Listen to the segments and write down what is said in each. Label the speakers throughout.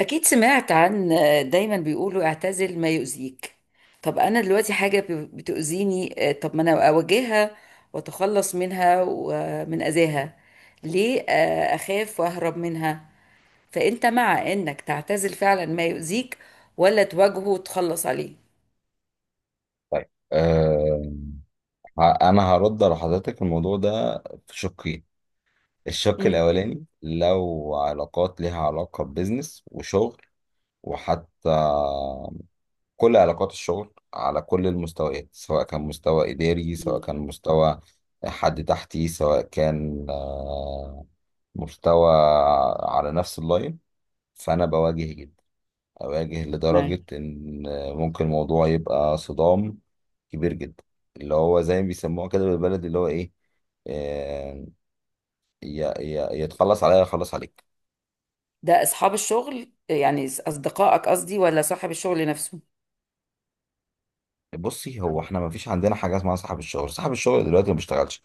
Speaker 1: أكيد سمعت عن دايما بيقولوا اعتزل ما يؤذيك. طب أنا دلوقتي حاجة بتؤذيني، طب ما أنا أواجهها وأتخلص منها ومن أذاها. ليه أخاف وأهرب منها؟ فأنت مع إنك تعتزل فعلا ما يؤذيك ولا تواجهه وتخلص عليه؟
Speaker 2: طيب انا هرد على حضرتك الموضوع ده في شقين. الشق
Speaker 1: مم.
Speaker 2: الاولاني لو علاقات ليها علاقة ببزنس وشغل، وحتى كل علاقات الشغل على كل المستويات، سواء كان مستوى اداري، سواء
Speaker 1: مم.
Speaker 2: كان مستوى حد تحتي، سواء كان مستوى على نفس اللاين. فانا بواجه جدا، أواجه
Speaker 1: أيوة.
Speaker 2: لدرجة إن ممكن الموضوع يبقى صدام كبير جدا، اللي هو زي ما بيسموها كده بالبلدي اللي هو إيه، آه، يا يتخلص عليا يخلص عليك.
Speaker 1: ده أصحاب الشغل يعني أصدقائك قصدي ولا صاحب الشغل نفسه؟
Speaker 2: بصي هو احنا ما فيش عندنا حاجه اسمها صاحب الشغل، صاحب الشغل دلوقتي ما بيشتغلش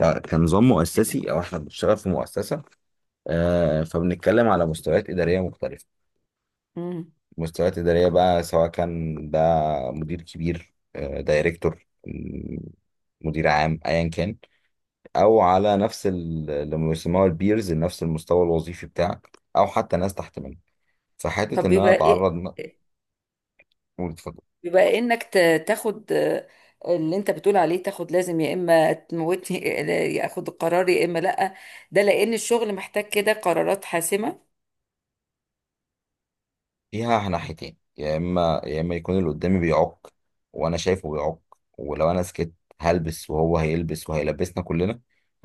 Speaker 2: كنظام مؤسسي، او احنا بنشتغل في مؤسسه. فبنتكلم على مستويات اداريه مختلفه.
Speaker 1: مم.
Speaker 2: مستويات اداريه بقى، سواء كان ده مدير كبير، دايركتور، مدير عام، ايا كان، او على نفس اللي بيسموها البيرز، نفس المستوى الوظيفي بتاعك، او حتى ناس تحت منك. فحته
Speaker 1: طب
Speaker 2: ان انا
Speaker 1: بيبقى إيه؟
Speaker 2: واتفضل.
Speaker 1: بيبقى انك تاخد، اللي انت بتقول عليه تاخد. لازم يا اما تموتني يا اخد القرار يا اما لا. ده لان الشغل محتاج كده قرارات حاسمة.
Speaker 2: فيها ناحيتين، يا اما يكون اللي قدامي بيعق، وانا شايفه بيعق، ولو انا سكت هلبس وهو هيلبس وهيلبسنا كلنا.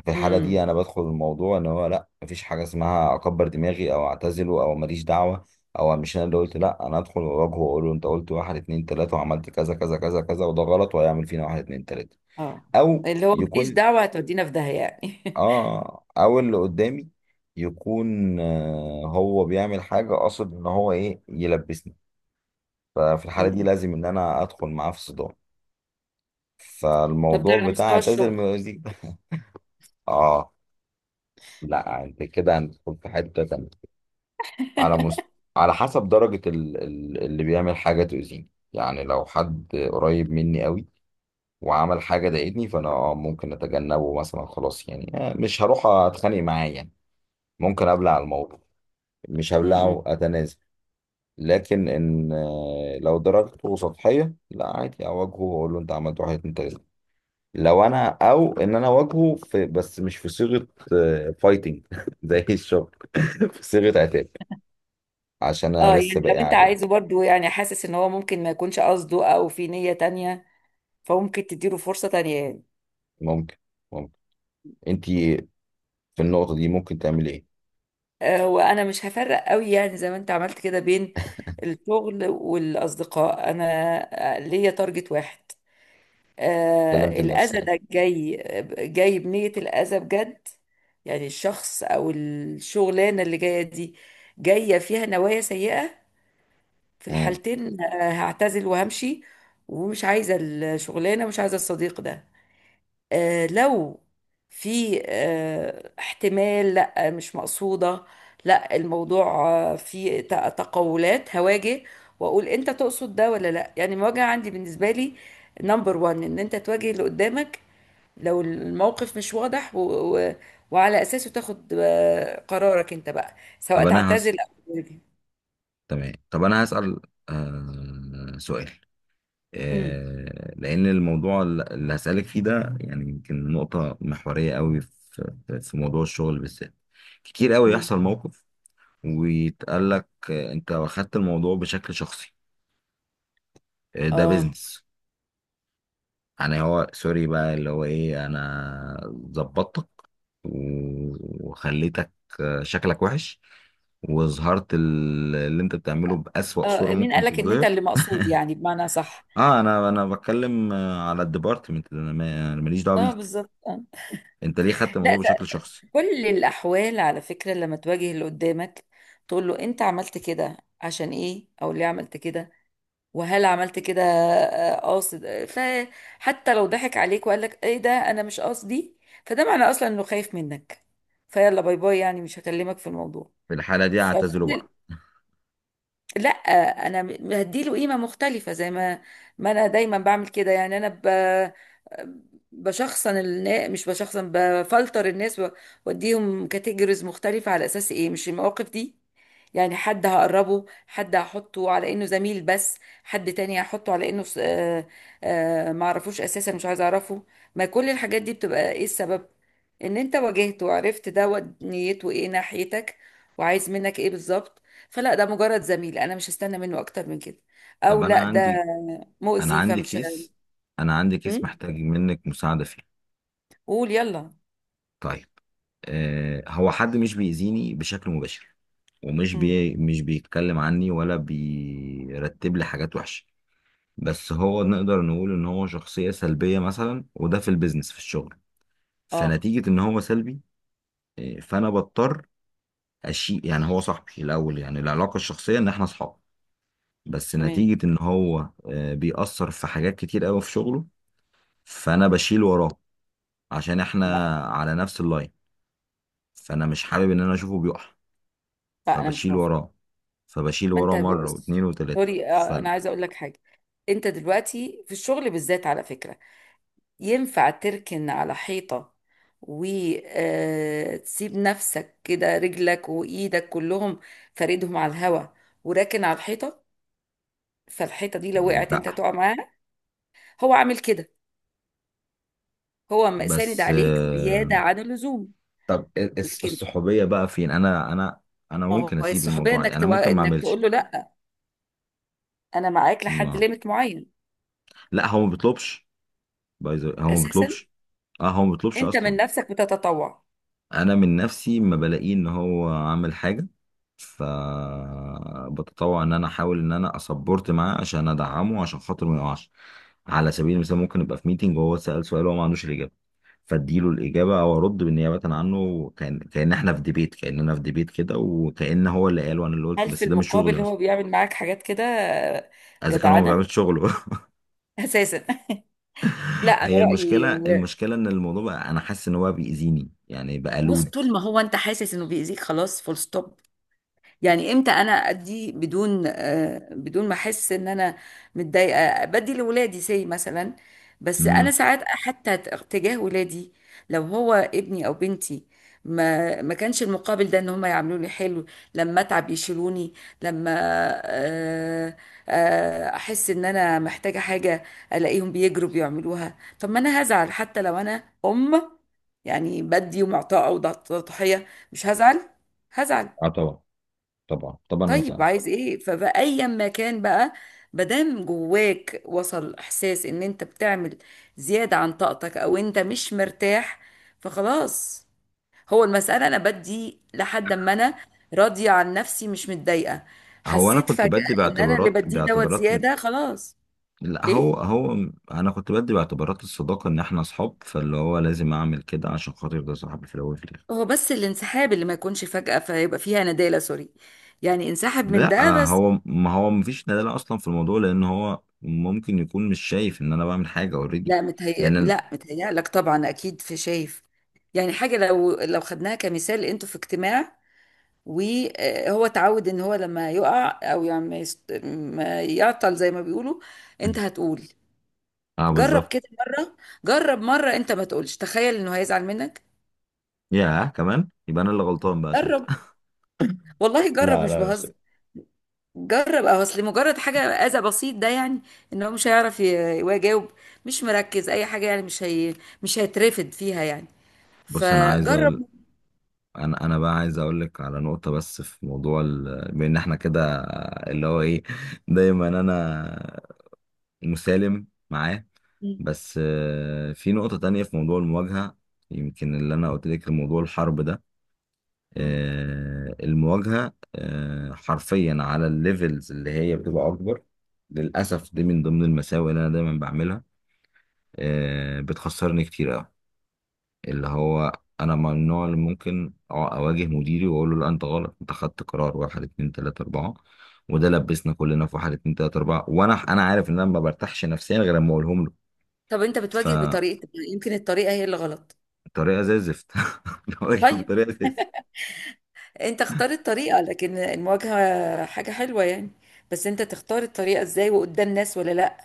Speaker 2: في الحاله دي
Speaker 1: امم.
Speaker 2: انا بدخل الموضوع ان هو لا، مفيش حاجه اسمها اكبر دماغي او اعتزله او ماليش دعوه، او مش انا اللي قلت لا، انا ادخل واواجهه واقول له انت قلت واحد اتنين تلاته وعملت كذا كذا كذا كذا، وده غلط وهيعمل فينا واحد اتنين تلاته.
Speaker 1: اه،
Speaker 2: او
Speaker 1: اللي هو ماليش
Speaker 2: يكون
Speaker 1: دعوة هتودينا في داهية يعني
Speaker 2: اه او اللي قدامي يكون آه هو بيعمل حاجه قاصد ان هو ايه، يلبسني. ففي الحاله دي
Speaker 1: مم.
Speaker 2: لازم ان انا ادخل معاه في صدام.
Speaker 1: طب ده
Speaker 2: فالموضوع
Speaker 1: على
Speaker 2: بتاع
Speaker 1: مستوى
Speaker 2: اعتزل
Speaker 1: الشغل.
Speaker 2: من الوزير اه، لا انت كده هندخل في حته تانيه. على مست... على حسب درجه اللي بيعمل حاجه تؤذيني، يعني لو حد قريب مني قوي وعمل حاجه ضايقتني، فانا آه ممكن اتجنبه مثلا، خلاص يعني، آه مش هروح اتخانق معاه يعني. ممكن ابلع الموضوع، مش
Speaker 1: مم.
Speaker 2: هبلعه اتنازل. لكن ان لو درجته سطحيه، لا عادي اواجهه واقول له انت عملت واحد اتنين تلاته. لو انا، او ان انا اواجهه في، بس مش في صيغه فايتنج زي الشغل، في صيغه عتاب، عشان
Speaker 1: اه
Speaker 2: انا لسه
Speaker 1: يعني لو
Speaker 2: باقي
Speaker 1: انت
Speaker 2: عليه.
Speaker 1: عايزه برضو، يعني حاسس ان هو ممكن ما يكونش قصده او في نية تانية، فممكن تديله فرصة تانية يعني.
Speaker 2: ممكن ممكن انت في النقطه دي ممكن تعملي ايه.
Speaker 1: وانا مش هفرق قوي، يعني زي ما انت عملت كده بين الشغل والاصدقاء. انا ليا تارجت واحد.
Speaker 2: سلامه
Speaker 1: الاذى
Speaker 2: النفسيه.
Speaker 1: ده جاي، جاي بنية الاذى بجد. يعني الشخص او الشغلانه اللي جايه دي جايه فيها نوايا سيئه. في
Speaker 2: مم.
Speaker 1: الحالتين هعتزل وهمشي، ومش عايزه الشغلانه ومش عايزه الصديق ده. لو في احتمال لا مش مقصودة، لا الموضوع فيه تقولات، هواجه واقول انت تقصد ده ولا لا. يعني المواجهة عندي بالنسبة لي نمبر وان، ان انت تواجه اللي قدامك لو الموقف مش واضح، و... وعلى اساسه تاخد قرارك انت بقى سواء
Speaker 2: طب انا هسأل،
Speaker 1: تعتذر او تواجه.
Speaker 2: تمام طب انا هسأل سؤال،
Speaker 1: امم.
Speaker 2: آه، لأن الموضوع اللي هسألك فيه ده يعني يمكن نقطة محورية قوي في موضوع الشغل بالذات. كتير قوي
Speaker 1: امم.
Speaker 2: يحصل موقف ويتقال لك أنت واخدت الموضوع بشكل شخصي، ده
Speaker 1: اه.
Speaker 2: بيزنس. يعني هو سوري بقى، اللي هو إيه، أنا ظبطتك وخليتك شكلك وحش، وظهرت اللي انت بتعمله بأسوأ صورة
Speaker 1: اه، مين
Speaker 2: ممكن
Speaker 1: قالك ان انت
Speaker 2: تتظهر.
Speaker 1: اللي مقصود يعني؟ بمعنى صح.
Speaker 2: اه، انا بتكلم على الديبارتمنت، انا أنا ماليش دعوه
Speaker 1: اه
Speaker 2: بيك.
Speaker 1: بالظبط آه.
Speaker 2: انت ليه خدت الموضوع
Speaker 1: لا،
Speaker 2: بشكل شخصي؟
Speaker 1: كل الأحوال على فكرة لما تواجه اللي قدامك تقول له أنت عملت كده عشان إيه أو ليه عملت كده، وهل عملت كده قاصد. فحتى لو ضحك عليك وقال لك إيه ده أنا مش قصدي، فده معنى أصلا إنه خايف منك. فيلا باي باي، يعني مش هكلمك في الموضوع.
Speaker 2: في الحاله دي اعتذره
Speaker 1: فكل...
Speaker 2: بقى.
Speaker 1: لا، انا هديله قيمه مختلفه زي ما، ما انا دايما بعمل كده. يعني انا بشخصن الناس. مش بشخصن، بفلتر الناس واديهم كاتيجوريز مختلفه على اساس ايه؟ مش المواقف دي. يعني حد هقربه، حد هحطه على انه زميل بس، حد تاني هحطه على انه ما اعرفوش اساسا، مش عايز اعرفه. ما كل الحاجات دي بتبقى ايه السبب؟ ان انت واجهته وعرفت ده نيته ايه ناحيتك وعايز منك ايه بالظبط. فلا، ده مجرد زميل انا مش هستنى منه اكتر من كده.
Speaker 2: طب
Speaker 1: او
Speaker 2: انا
Speaker 1: لا، ده
Speaker 2: عندي، انا
Speaker 1: مؤذي
Speaker 2: عندي
Speaker 1: فمش...
Speaker 2: كيس انا عندي كيس
Speaker 1: هم؟
Speaker 2: محتاج منك مساعده فيه.
Speaker 1: قول يلا.
Speaker 2: طيب، آه هو حد مش بيأذيني بشكل مباشر، ومش
Speaker 1: هم.
Speaker 2: بي مش بيتكلم عني، ولا بيرتب لي حاجات وحشه، بس هو نقدر نقول ان هو شخصيه سلبيه مثلا، وده في البيزنس في الشغل.
Speaker 1: اه.
Speaker 2: فنتيجه ان هو سلبي، فانا بضطر اشيل. يعني هو صاحبي الاول، يعني العلاقه الشخصيه ان احنا اصحاب، بس
Speaker 1: تمام.
Speaker 2: نتيجة ان هو بيأثر في حاجات كتير قوي في شغله، فانا بشيل وراه، عشان
Speaker 1: لا.
Speaker 2: احنا على نفس اللاين. فانا مش حابب ان انا اشوفه بيقع،
Speaker 1: لا، انا مش
Speaker 2: فبشيل
Speaker 1: موافقه.
Speaker 2: وراه فبشيل
Speaker 1: ما انت
Speaker 2: وراه مرة واتنين
Speaker 1: بص،
Speaker 2: وتلاتة،
Speaker 1: سوري، انا
Speaker 2: فلا.
Speaker 1: عايزه اقول لك حاجه. انت دلوقتي في الشغل بالذات على فكره، ينفع تركن على حيطه وتسيب نفسك كده، رجلك وايدك كلهم فاردهم على الهواء وراكن على الحيطه. فالحيطه دي لو وقعت انت تقع معاها. هو عامل كده. هو ساند
Speaker 2: بس
Speaker 1: عليك زياده عن اللزوم.
Speaker 2: طب إيه،
Speaker 1: لكن
Speaker 2: الصحوبية بقى فين؟ انا
Speaker 1: ما
Speaker 2: ممكن
Speaker 1: هو
Speaker 2: اسيب
Speaker 1: الصحوبيه
Speaker 2: الموضوع،
Speaker 1: انك
Speaker 2: انا ممكن ما
Speaker 1: انك
Speaker 2: اعملش.
Speaker 1: تقول له لا، انا معاك لحد
Speaker 2: ما
Speaker 1: ليميت معين.
Speaker 2: لا هو ما بيطلبش، هو ما
Speaker 1: اساسا
Speaker 2: بيطلبش، اه هو ما بيطلبش
Speaker 1: انت من
Speaker 2: اصلا.
Speaker 1: نفسك بتتطوع.
Speaker 2: انا من نفسي ما بلاقيه ان هو عامل حاجه، فبتطوع ان انا احاول ان انا اسبورت معاه عشان ادعمه، عشان خاطر ما يقعش. على سبيل المثال، ممكن ابقى في ميتنج وهو سأل سؤال وهو ما عندوش الاجابه، فاديله الاجابه او ارد بالنيابه عنه. كان احنا في ديبيت، كاننا في ديبيت كده، وكان هو اللي قال وانا اللي قلت،
Speaker 1: هل في
Speaker 2: بس ده مش
Speaker 1: المقابل
Speaker 2: شغلي اصلا،
Speaker 1: هو بيعمل معاك حاجات كده
Speaker 2: اذا كان هو ما
Speaker 1: جدعانه
Speaker 2: بيعملش شغله.
Speaker 1: اساسا؟ لا، انا
Speaker 2: هي المشكله،
Speaker 1: رايي،
Speaker 2: المشكله ان الموضوع بقى انا حاسس ان هو بيأذيني، يعني بقى
Speaker 1: بص،
Speaker 2: لود.
Speaker 1: طول ما هو انت حاسس انه بيأذيك خلاص فول ستوب. يعني امتى انا ادي بدون، بدون ما احس ان انا متضايقه؟ بدي لولادي سي مثلا. بس انا
Speaker 2: امم،
Speaker 1: ساعات حتى تجاه ولادي، لو هو ابني او بنتي، ما ما كانش المقابل ده ان هم يعملوا لي حلو. لما اتعب يشيلوني. لما آه، احس ان انا محتاجه حاجه، الاقيهم بيجروا بيعملوها. طب ما انا هزعل حتى لو انا ام؟ يعني بدي ومعطاءه وضحيه، مش هزعل؟ هزعل.
Speaker 2: اه طبعا، طبعا
Speaker 1: طيب
Speaker 2: اتزعل.
Speaker 1: عايز ايه؟ فبقى ايا ما كان بقى، مادام جواك وصل احساس ان انت بتعمل زيادة عن طاقتك او انت مش مرتاح، فخلاص. هو المسألة انا بدي لحد ما انا راضية عن نفسي، مش متضايقة.
Speaker 2: هو انا
Speaker 1: حسيت
Speaker 2: كنت
Speaker 1: فجأة
Speaker 2: بدي
Speaker 1: ان انا اللي
Speaker 2: باعتبارات
Speaker 1: بديه دوت
Speaker 2: باعتبارات
Speaker 1: زيادة، خلاص.
Speaker 2: لا هو
Speaker 1: ايه؟
Speaker 2: هو انا كنت بدي باعتبارات الصداقه، ان احنا اصحاب، فاللي هو لازم اعمل كده عشان خاطر ده صاحبي في الاول وفي الاخر.
Speaker 1: هو بس الانسحاب اللي ما يكونش فجأة، فيبقى فيها ندالة سوري. يعني انسحب من
Speaker 2: لا
Speaker 1: ده بس.
Speaker 2: هو، ما هو مفيش دلاله اصلا في الموضوع، لان هو ممكن يكون مش شايف ان انا بعمل حاجه اوريدي.
Speaker 1: لا متهيأ،
Speaker 2: لان أنا...
Speaker 1: لا متهيألك طبعا، أكيد في شايف. يعني حاجة لو لو خدناها كمثال، أنتوا في اجتماع وهو اتعود إن هو لما يقع أو يعني ما ما يعطل زي ما بيقولوا، أنت هتقول.
Speaker 2: اه
Speaker 1: جرب
Speaker 2: بالظبط.
Speaker 1: كده مرة. جرب مرة. أنت ما تقولش، تخيل إنه هيزعل منك.
Speaker 2: يا كمان يبقى انا اللي غلطان بقى
Speaker 1: جرب.
Speaker 2: ساعتها.
Speaker 1: والله جرب،
Speaker 2: لا
Speaker 1: مش
Speaker 2: لا مش.
Speaker 1: بهزر. جرب. أو أصل مجرد حاجة أذى بسيط ده، يعني إن هو مش هيعرف يجاوب، مش مركز أي حاجة. يعني مش هي... مش هيترفد فيها يعني.
Speaker 2: بص انا عايز
Speaker 1: فجرب.
Speaker 2: اقول، انا بقى عايز اقول لك على نقطه بس في موضوع بان احنا كده اللي هو ايه، دايما انا مسالم معاه. بس في نقطة تانية، في موضوع المواجهة، يمكن اللي أنا قلت لك موضوع الحرب ده،
Speaker 1: مم.
Speaker 2: المواجهة حرفيا على الليفلز اللي هي بتبقى أكبر. للأسف دي من ضمن المساوئ اللي أنا دايما بعملها، بتخسرني كتير أوي. اللي هو أنا من النوع اللي ممكن أواجه مديري وأقول له لا أنت غلط، أنت خدت قرار واحد اتنين تلاتة أربعة، وده لبسنا كلنا في واحد اتنين تلاتة أربعة. وأنا عارف إن أنا ما برتاحش نفسيا غير لما أقولهم
Speaker 1: طب انت بتواجه
Speaker 2: له.
Speaker 1: بطريقة، يمكن الطريقة هي اللي غلط.
Speaker 2: بطريقه زي الزفت، بواجه
Speaker 1: طيب
Speaker 2: بطريقه زي الزفت.
Speaker 1: انت اختار الطريقة، لكن المواجهة حاجة حلوة يعني. بس انت تختار الطريقة ازاي، وقدام ناس ولا لا.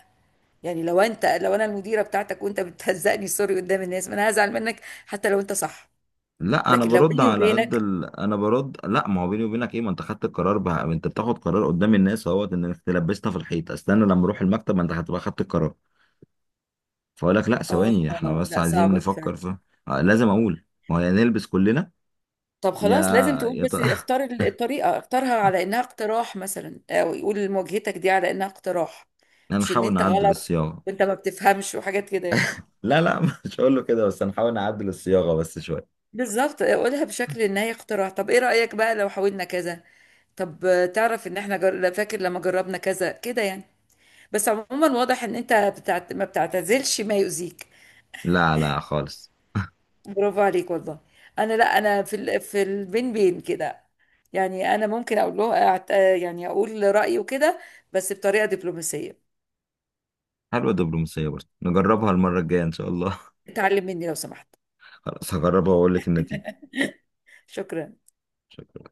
Speaker 1: يعني لو انت، لو انا المديرة بتاعتك وانت بتهزقني سوري قدام الناس، ما انا هزعل منك حتى لو انت صح.
Speaker 2: لا انا
Speaker 1: لكن لو
Speaker 2: برد
Speaker 1: بيني
Speaker 2: على
Speaker 1: وبينك...
Speaker 2: قد انا برد لا، ما هو بيني وبينك ايه، ما انت خدت القرار بقى، انت بتاخد قرار قدام الناس اهوت، انك تلبسنا في الحيط. استنى لما اروح المكتب، ما انت هتبقى خدت القرار. فاقول لك لا،
Speaker 1: اه،
Speaker 2: ثواني، احنا بس
Speaker 1: لا
Speaker 2: عايزين
Speaker 1: صعبة دي فعلا.
Speaker 2: نفكر في، لازم اقول، ما هو يا نلبس كلنا.
Speaker 1: طب
Speaker 2: يا
Speaker 1: خلاص لازم تقول،
Speaker 2: يا ت...
Speaker 1: بس اختار الطريقة. اختارها على انها اقتراح مثلا، او يقول مواجهتك دي على انها اقتراح، مش ان
Speaker 2: هنحاول
Speaker 1: انت
Speaker 2: نعدل
Speaker 1: غلط
Speaker 2: الصياغه.
Speaker 1: وانت ما بتفهمش وحاجات كده يعني.
Speaker 2: لا مش هقول له كده، بس هنحاول نعدل الصياغه بس شويه.
Speaker 1: بالظبط، اقولها بشكل ان هي اقتراح: طب ايه رأيك بقى لو حاولنا كذا؟ طب تعرف ان احنا لا، فاكر لما جربنا كذا كده يعني. بس عموما واضح ان انت ما بتعتزلش ما يؤذيك.
Speaker 2: لا خالص.
Speaker 1: برافو عليك والله. انا لا، انا في في البين بين كده. يعني انا ممكن اقول له أعت... آه، يعني اقول رأيي وكده، بس بطريقة دبلوماسية.
Speaker 2: حلوه الدبلوماسيه، برضه نجربها المره الجايه ان شاء الله.
Speaker 1: اتعلم مني لو سمحت.
Speaker 2: خلاص هجربها واقول لك النتيجه.
Speaker 1: شكرا.
Speaker 2: شكرا.